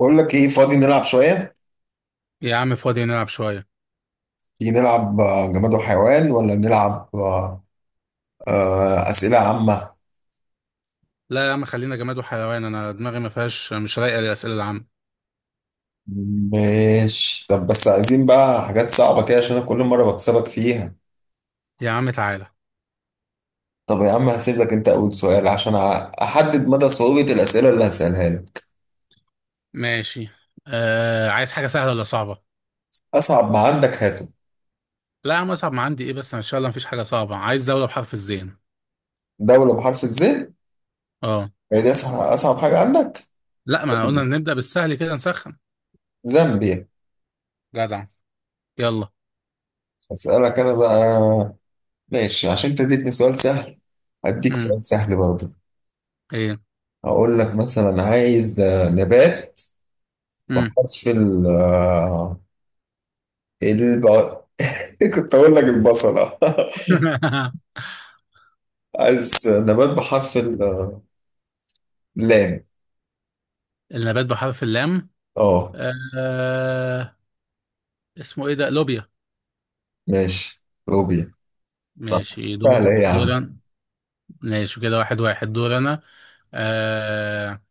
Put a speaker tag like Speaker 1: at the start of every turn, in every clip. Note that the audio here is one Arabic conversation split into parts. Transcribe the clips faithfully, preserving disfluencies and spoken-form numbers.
Speaker 1: بقول لك ايه؟ فاضي نلعب شوية.
Speaker 2: يا عم فاضي نلعب شوية.
Speaker 1: تيجي نلعب آه، جماد وحيوان ولا نلعب آه، آه، أسئلة عامة؟
Speaker 2: لا يا عم، خلينا جماد وحيوان، أنا دماغي ما فيهاش، مش رايقة للأسئلة العامة.
Speaker 1: ماشي، طب بس عايزين بقى حاجات صعبة كده عشان أنا كل مرة بكسبك فيها.
Speaker 2: يا عم تعالى.
Speaker 1: طب يا عم هسيب لك انت اول سؤال عشان أع- احدد مدى صعوبة الأسئلة اللي هسألها لك.
Speaker 2: ماشي. آه، عايز حاجة سهلة ولا صعبة؟
Speaker 1: اصعب ما عندك هاته.
Speaker 2: لا يا عم، أصعب ما عندي إيه، بس إن شاء الله مفيش حاجة صعبة. عايز دولة بحرف الزين.
Speaker 1: دولة بحرف الزين.
Speaker 2: أه.
Speaker 1: هي دي اصعب اصعب حاجة عندك؟
Speaker 2: لا، ما قلنا نبدأ بالسهل كده نسخن.
Speaker 1: زامبيا.
Speaker 2: جدع. يلا.
Speaker 1: اسألك انا بقى. ماشي، عشان انت اديتني سؤال سهل هديك
Speaker 2: امم
Speaker 1: سؤال سهل برضه.
Speaker 2: إيه.
Speaker 1: اقول لك مثلا عايز نبات
Speaker 2: امم
Speaker 1: بحرف ال الب... كنت اقول لك البصلة عايز نبات بحرف ال- اللام.
Speaker 2: النبات بحرف اللام.
Speaker 1: اه.
Speaker 2: آه. اسمه إيه ده، لوبيا.
Speaker 1: ماشي، لوبيا. صح.
Speaker 2: ماشي، دور
Speaker 1: سهلة ايه يا
Speaker 2: دور
Speaker 1: عم.
Speaker 2: أنا. ماشي كده، واحد واحد، دور أنا. آه،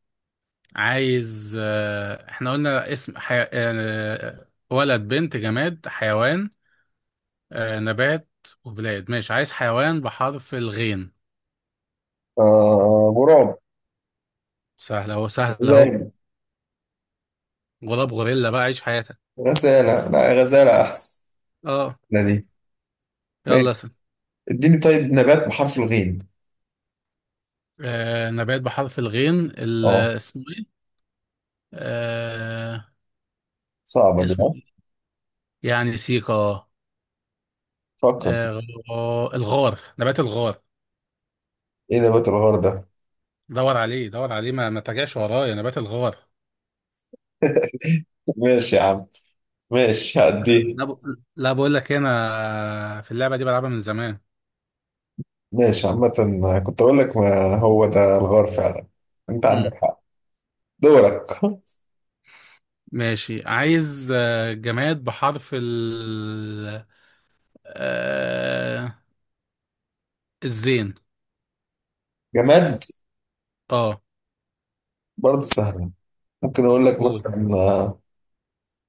Speaker 2: عايز آه، احنا قلنا اسم حي... آه، ولد، بنت، جماد، حيوان، آه، نبات وبلاد. ماشي، عايز حيوان بحرف الغين.
Speaker 1: آه غراب.
Speaker 2: سهل اهو، سهل اهو.
Speaker 1: غزالة.
Speaker 2: غراب، غوريلا، بقى عيش حياتك.
Speaker 1: غزالة، لا غزالة احسن.
Speaker 2: اه.
Speaker 1: لا دي. ماشي،
Speaker 2: يلا اسم.
Speaker 1: اديني طيب نبات بحرف الغين.
Speaker 2: آه، نبات بحرف الغين، ال-
Speaker 1: اه،
Speaker 2: اسمه ايه؟ آه،
Speaker 1: صعبة دي
Speaker 2: اسمه
Speaker 1: ها.
Speaker 2: ايه؟ يعني سيكا، اه.
Speaker 1: فكر.
Speaker 2: آه، الغار، نبات الغار.
Speaker 1: ايه نبات الغار ده؟
Speaker 2: دور عليه، دور عليه، ما, ما ترجعش ورايا، نبات الغار.
Speaker 1: ماشي يا عم، ماشي هعديه.
Speaker 2: لا ب... لا، بقول لك إيه، انا في اللعبه دي بلعبها من زمان.
Speaker 1: ماشي عامة، كنت أقول لك ما هو ده الغار فعلا. أنت عندك
Speaker 2: امم
Speaker 1: حق. دورك
Speaker 2: ماشي، عايز آه، جماد بحرف ال آه... الزين.
Speaker 1: جماد،
Speaker 2: اه
Speaker 1: برضه سهلة. ممكن أقول لك
Speaker 2: قول.
Speaker 1: مثلا آه،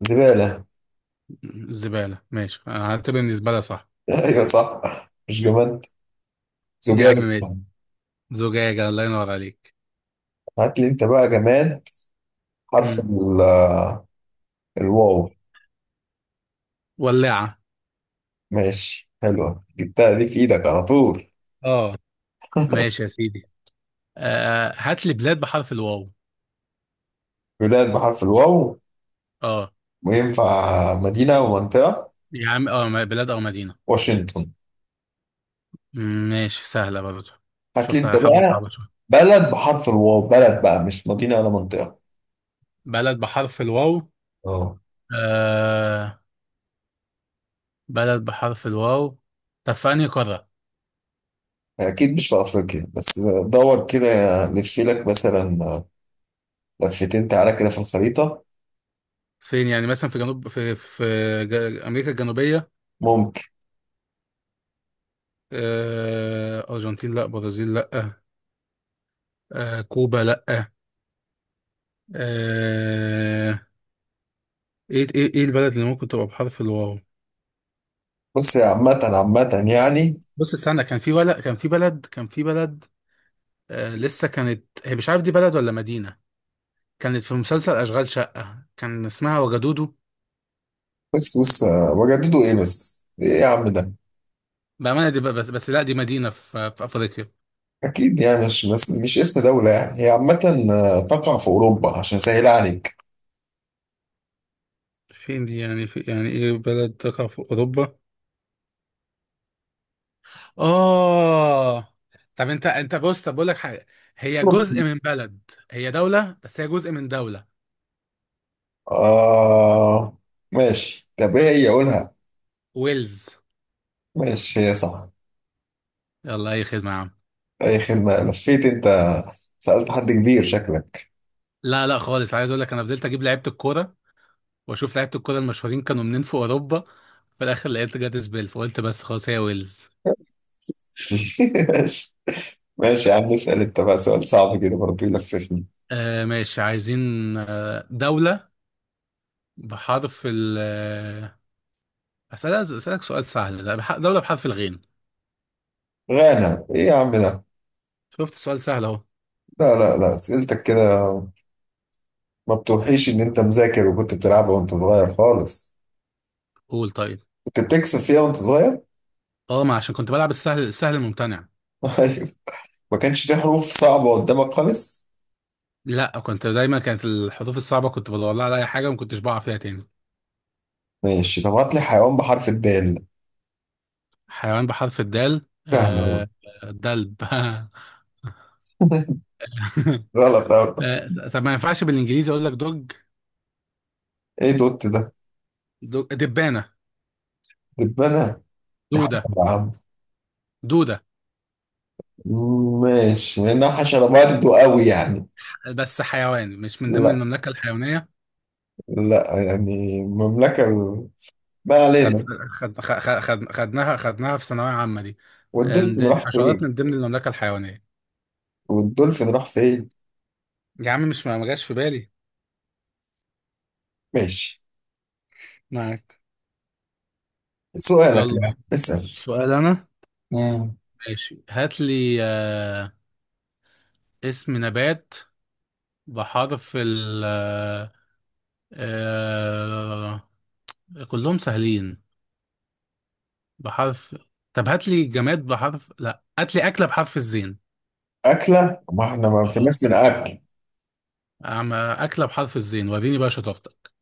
Speaker 1: زبالة.
Speaker 2: الزباله، ماشي، أنا هعتبر ان الزباله صح.
Speaker 1: أيوة صح. مش جماد.
Speaker 2: يا عم
Speaker 1: زجاج.
Speaker 2: ماشي، زجاجه، الله ينور عليك.
Speaker 1: هات لي أنت بقى جماد. حرف
Speaker 2: امم
Speaker 1: ال- آه، الواو.
Speaker 2: ولاعه.
Speaker 1: ماشي، حلوة جبتها دي في إيدك على طول.
Speaker 2: اه. ماشي يا سيدي. آه... آه، هات لي بلاد بحرف الواو.
Speaker 1: بلاد بحرف الواو.
Speaker 2: اه.
Speaker 1: وينفع مدينة ومنطقة؟
Speaker 2: يا عم اه، م- بلاد او مدينه.
Speaker 1: واشنطن.
Speaker 2: مم، ماشي، سهله برضه.
Speaker 1: هات لي
Speaker 2: شوف لك،
Speaker 1: أنت
Speaker 2: هحاول
Speaker 1: بقى
Speaker 2: اصعبها شويه.
Speaker 1: بلد بحرف الواو، بلد بقى مش مدينة ولا منطقة.
Speaker 2: بلد بحرف الواو.
Speaker 1: اه.
Speaker 2: آه، بلد بحرف الواو. طب في أنهي قارة؟
Speaker 1: اكيد مش في افريقيا بس. دور كده، لف لك مثلا لفتين، تعالى كده في الخريطه.
Speaker 2: فين يعني؟ مثلا في جنوب في في جا- أمريكا الجنوبية.
Speaker 1: ممكن.
Speaker 2: آه، أرجنتين لأ، برازيل لأ. آه، كوبا لأ. آه، إيه إيه إيه البلد اللي ممكن تبقى بحرف الواو؟
Speaker 1: بص يا عامه عامه يعني.
Speaker 2: بص استنى، كان في، ولا كان في بلد، كان في بلد. آه، لسه كانت هي، مش عارف دي بلد ولا مدينة. كانت في مسلسل أشغال شقة، كان اسمها وجدودو.
Speaker 1: بص بص. وجددوا ايه بس، ايه يا عم ده.
Speaker 2: بأمانة دي، ب- بس بس لأ، دي مدينة في في أفريقيا.
Speaker 1: اكيد يعني مش بس مش اسم دوله يعني، هي عامه. تقع في اوروبا عشان اسهل عليك.
Speaker 2: فين دي يعني؟ في يعني ايه بلد تقع في اوروبا؟ اه. طب انت انت بص، طب بقول لك حاجه، هي
Speaker 1: أوروبا.
Speaker 2: جزء من بلد، هي دوله، بس هي جزء من دوله.
Speaker 1: آه. ماشي، طب ايه هي قولها.
Speaker 2: ويلز.
Speaker 1: ماشي هي صح.
Speaker 2: يلا، اي خدمه يا عم.
Speaker 1: اي خدمه، لفيت انت. سالت حد كبير شكلك.
Speaker 2: لا لا خالص، عايز اقول لك، انا فضلت اجيب لعيبه الكوره، واشوف لعيبه الكوره المشهورين كانوا منين في اوروبا. في الاخر لقيت جاتس بيل، فقلت بس خلاص هي ويلز.
Speaker 1: ماشي. ماشي يا عم، اسال انت بقى سؤال صعب كده برضه يلففني.
Speaker 2: آه، ماشي. عايزين آه دوله بحرف ال آه، اسالك، اسالك سؤال سهل ده، بح- دوله بحرف الغين.
Speaker 1: غانا، ايه يا عم ده.
Speaker 2: شفت سؤال سهل اهو.
Speaker 1: لا لا لا، اسئلتك كده ما بتوحيش ان انت مذاكر وكنت بتلعبها وانت صغير خالص.
Speaker 2: قول طيب.
Speaker 1: كنت بتكسب فيها وانت صغير
Speaker 2: اه، ما عشان كنت بلعب السهل، السهل الممتنع.
Speaker 1: أيوة. ما كانش في حروف صعبة قدامك خالص.
Speaker 2: لا، كنت دايما كانت الحروف الصعبة كنت بدور لها على أي حاجة، وما كنتش بقع فيها تاني.
Speaker 1: ماشي، طب هات لي حيوان بحرف الدال.
Speaker 2: حيوان بحرف الدال،
Speaker 1: فاهمة.
Speaker 2: آه. دلب
Speaker 1: غلط أوي.
Speaker 2: لا، طب ما ينفعش بالإنجليزي أقول لك دوج؟
Speaker 1: ايه دوت ده؟
Speaker 2: دوج- دبانة.
Speaker 1: دبانة.
Speaker 2: دودة.
Speaker 1: يا عم.
Speaker 2: دودة.
Speaker 1: ماشي، لانها حشرة برضه قوي يعني.
Speaker 2: بس حيوان مش من ضمن
Speaker 1: لا.
Speaker 2: المملكة الحيوانية.
Speaker 1: لا يعني المملكة ال- ما
Speaker 2: خد
Speaker 1: علينا.
Speaker 2: خد خد خد- خدناها خدناها في ثانوية عامة دي، إن
Speaker 1: والدولفين راح
Speaker 2: الحشرات
Speaker 1: فين؟
Speaker 2: من ضمن المملكة الحيوانية.
Speaker 1: والدولفين راح فين؟
Speaker 2: يا عم مش، ما ما جاش في بالي.
Speaker 1: ماشي.
Speaker 2: معاك.
Speaker 1: سؤالك،
Speaker 2: يلا،
Speaker 1: يعني اسأل.
Speaker 2: سؤال أنا.
Speaker 1: مم.
Speaker 2: ماشي، هات لي آه، اسم نبات بحرف ال آه، آه، كلهم سهلين. بحرف، طب هات لي جماد بحرف، لا هات لي أكلة بحرف الزين.
Speaker 1: أكلة؟ ما احنا ما
Speaker 2: اه.
Speaker 1: فيناش من أكل.
Speaker 2: أعمل أكلة بحرف الزين، وريني بقى شطارتك.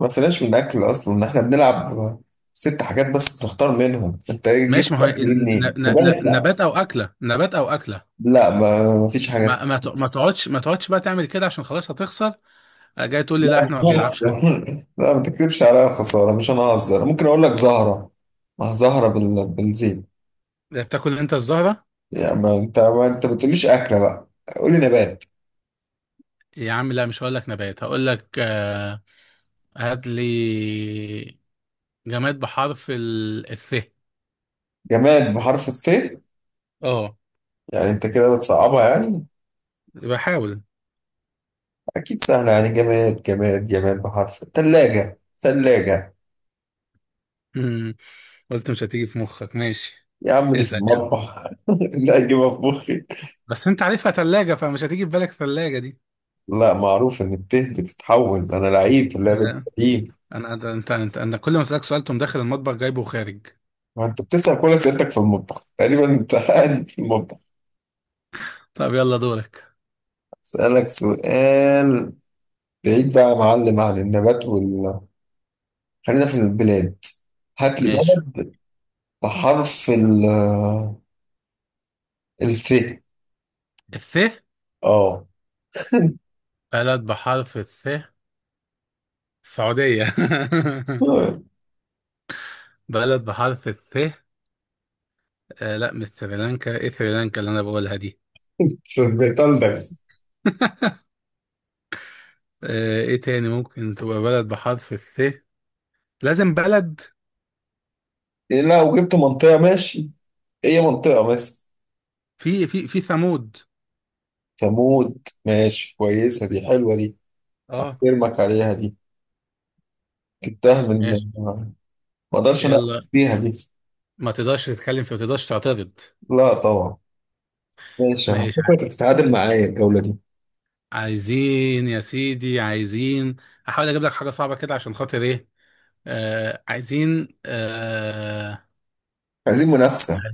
Speaker 1: ما فيناش من أكل أصلا، احنا بنلعب ست حاجات بس بنختار منهم، أنت إيه جبت
Speaker 2: ماشي، ما هو طب
Speaker 1: أكل دي
Speaker 2: ن- ن-
Speaker 1: منين؟
Speaker 2: ن- ن-
Speaker 1: لغاية لا.
Speaker 2: نبات أو أكلة، نبات أو أكلة.
Speaker 1: لا ما ما فيش حاجة
Speaker 2: ما
Speaker 1: اسمها.
Speaker 2: ما ت- ما تقعدش، ما تقعدش بقى تعمل كده، عشان خلاص هتخسر. جاي تقول لي
Speaker 1: لا
Speaker 2: لا
Speaker 1: مش
Speaker 2: احنا ما
Speaker 1: ههزر
Speaker 2: بنلعبش أكل؟
Speaker 1: لا ما تكتبش عليا خسارة، مش أنا ههزر، ممكن أقول لك زهرة. ما هي زهرة بال... بالزيت.
Speaker 2: بتاكل انت الزهرة؟
Speaker 1: يعني ما أنت ما أنت ما بتقوليش أكلة بقى، قولي نبات.
Speaker 2: يا عم لا، مش هقول لك نبات، هقول لك آه، هات لي جماد بحرف ال الث.
Speaker 1: جماد بحرف الث.
Speaker 2: اه،
Speaker 1: يعني أنت كده بتصعبها يعني.
Speaker 2: بحاول.
Speaker 1: أكيد سهل، يعني جماد، جماد جماد بحرف ثلاجة، ثلاجة.
Speaker 2: مم. قلت مش هتيجي في مخك، ماشي.
Speaker 1: يا عم دي في
Speaker 2: اسأل يعني.
Speaker 1: المطبخ لا أجيبها في مخي.
Speaker 2: بس انت عارفها ثلاجة، فمش هتيجي في بالك ثلاجة دي.
Speaker 1: لا، معروف إن الته بتتحول، أنا لعيب في اللعبة دي
Speaker 2: لا.
Speaker 1: قديم.
Speaker 2: انا ده انت انت انا كل ما اسألك سؤال تقوم داخل المطبخ جايبه وخارج.
Speaker 1: ما أنت بتسأل كل أسئلتك في المطبخ تقريبا، أنت قاعد في المطبخ.
Speaker 2: طب يلا دورك.
Speaker 1: أسألك سؤال بعيد بقى يا معلم عن النبات وال خلينا في البلاد. هات لي
Speaker 2: ماشي.
Speaker 1: بلد بحرف ال الف.
Speaker 2: الث.
Speaker 1: اه.
Speaker 2: بلد بحرف الث، السعودية بلد بحرف الث. آه لا، مش سريلانكا، ايه سريلانكا اللي انا بقولها دي؟
Speaker 1: صدقت قلبك.
Speaker 2: آه، ايه تاني ممكن تبقى بلد بحرف الث؟ لازم بلد.
Speaker 1: إيه، لا وجبت منطقة ماشي، هي منطقة مثلا.
Speaker 2: في في في ثمود.
Speaker 1: تموت، ماشي كويسة دي، حلوة دي.
Speaker 2: اه.
Speaker 1: ارمك عليها دي، جبتها من،
Speaker 2: ماشي.
Speaker 1: ما اقدرش اناقشك
Speaker 2: يلا.
Speaker 1: فيها دي.
Speaker 2: ما تقدرش تتكلم في، ما تقدرش تعترض.
Speaker 1: لا طبعا. ماشي،
Speaker 2: ماشي، ع-
Speaker 1: هتفكر تتعادل معايا الجولة دي.
Speaker 2: عايزين يا سيدي، عايزين. هحاول اجيب لك حاجة صعبة كده، عشان خاطر ايه. آه عايزين، آه
Speaker 1: عايزين منافسة.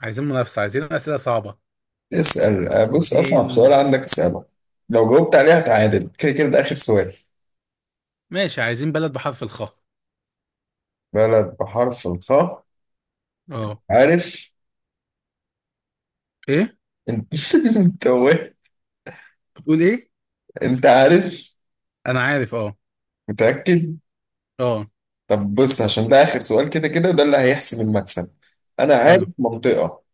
Speaker 2: عايزين منافسة، عايزين أسئلة صعبة.
Speaker 1: اسأل، بص أصعب سؤال
Speaker 2: عايزين.
Speaker 1: عندك اسأله، لو جاوبت عليها هتعادل كده كده ده آخر سؤال.
Speaker 2: ماشي، عايزين بلد بحرف الخاء.
Speaker 1: بلد بحرف الخاء.
Speaker 2: اه.
Speaker 1: عارف.
Speaker 2: ايه؟
Speaker 1: انت. انت وه-
Speaker 2: بتقول ايه؟
Speaker 1: انت عارف،
Speaker 2: انا عارف اه.
Speaker 1: متأكد.
Speaker 2: اه
Speaker 1: طب بص، عشان ده آخر سؤال كده كده ده اللي هيحسم المكسب. أنا عارف
Speaker 2: حلو.
Speaker 1: منطقة.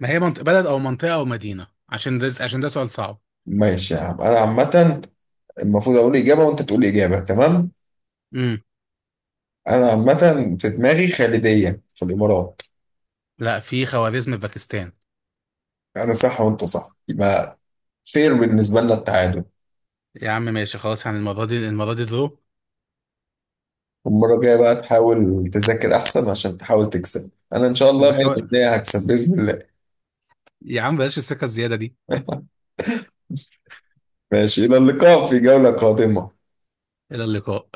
Speaker 2: ما هي منطقة، بلد او منطقة او مدينة، عشان ده، عشان ده سؤال صعب.
Speaker 1: ماشي يا عم، انا عامة، المفروض اقول اجابة وانت تقول اجابة تمام.
Speaker 2: امم
Speaker 1: انا عامة في دماغي خالدية في الامارات.
Speaker 2: لا، في خوارزم في باكستان.
Speaker 1: انا صح وانت صح، يبقى فير بالنسبة لنا التعادل.
Speaker 2: يا عم ماشي خلاص، يعني المرة دي، المرة دي درو.
Speaker 1: المرة الجاية بقى تحاول تذاكر احسن عشان تحاول تكسب، انا ان شاء الله
Speaker 2: بحاول.
Speaker 1: مية بالمية هكسب باذن الله.
Speaker 2: يا عم بلاش السكة الزيادة دي.
Speaker 1: ماشي، الى اللقاء في جولة قادمة.
Speaker 2: إلى اللقاء.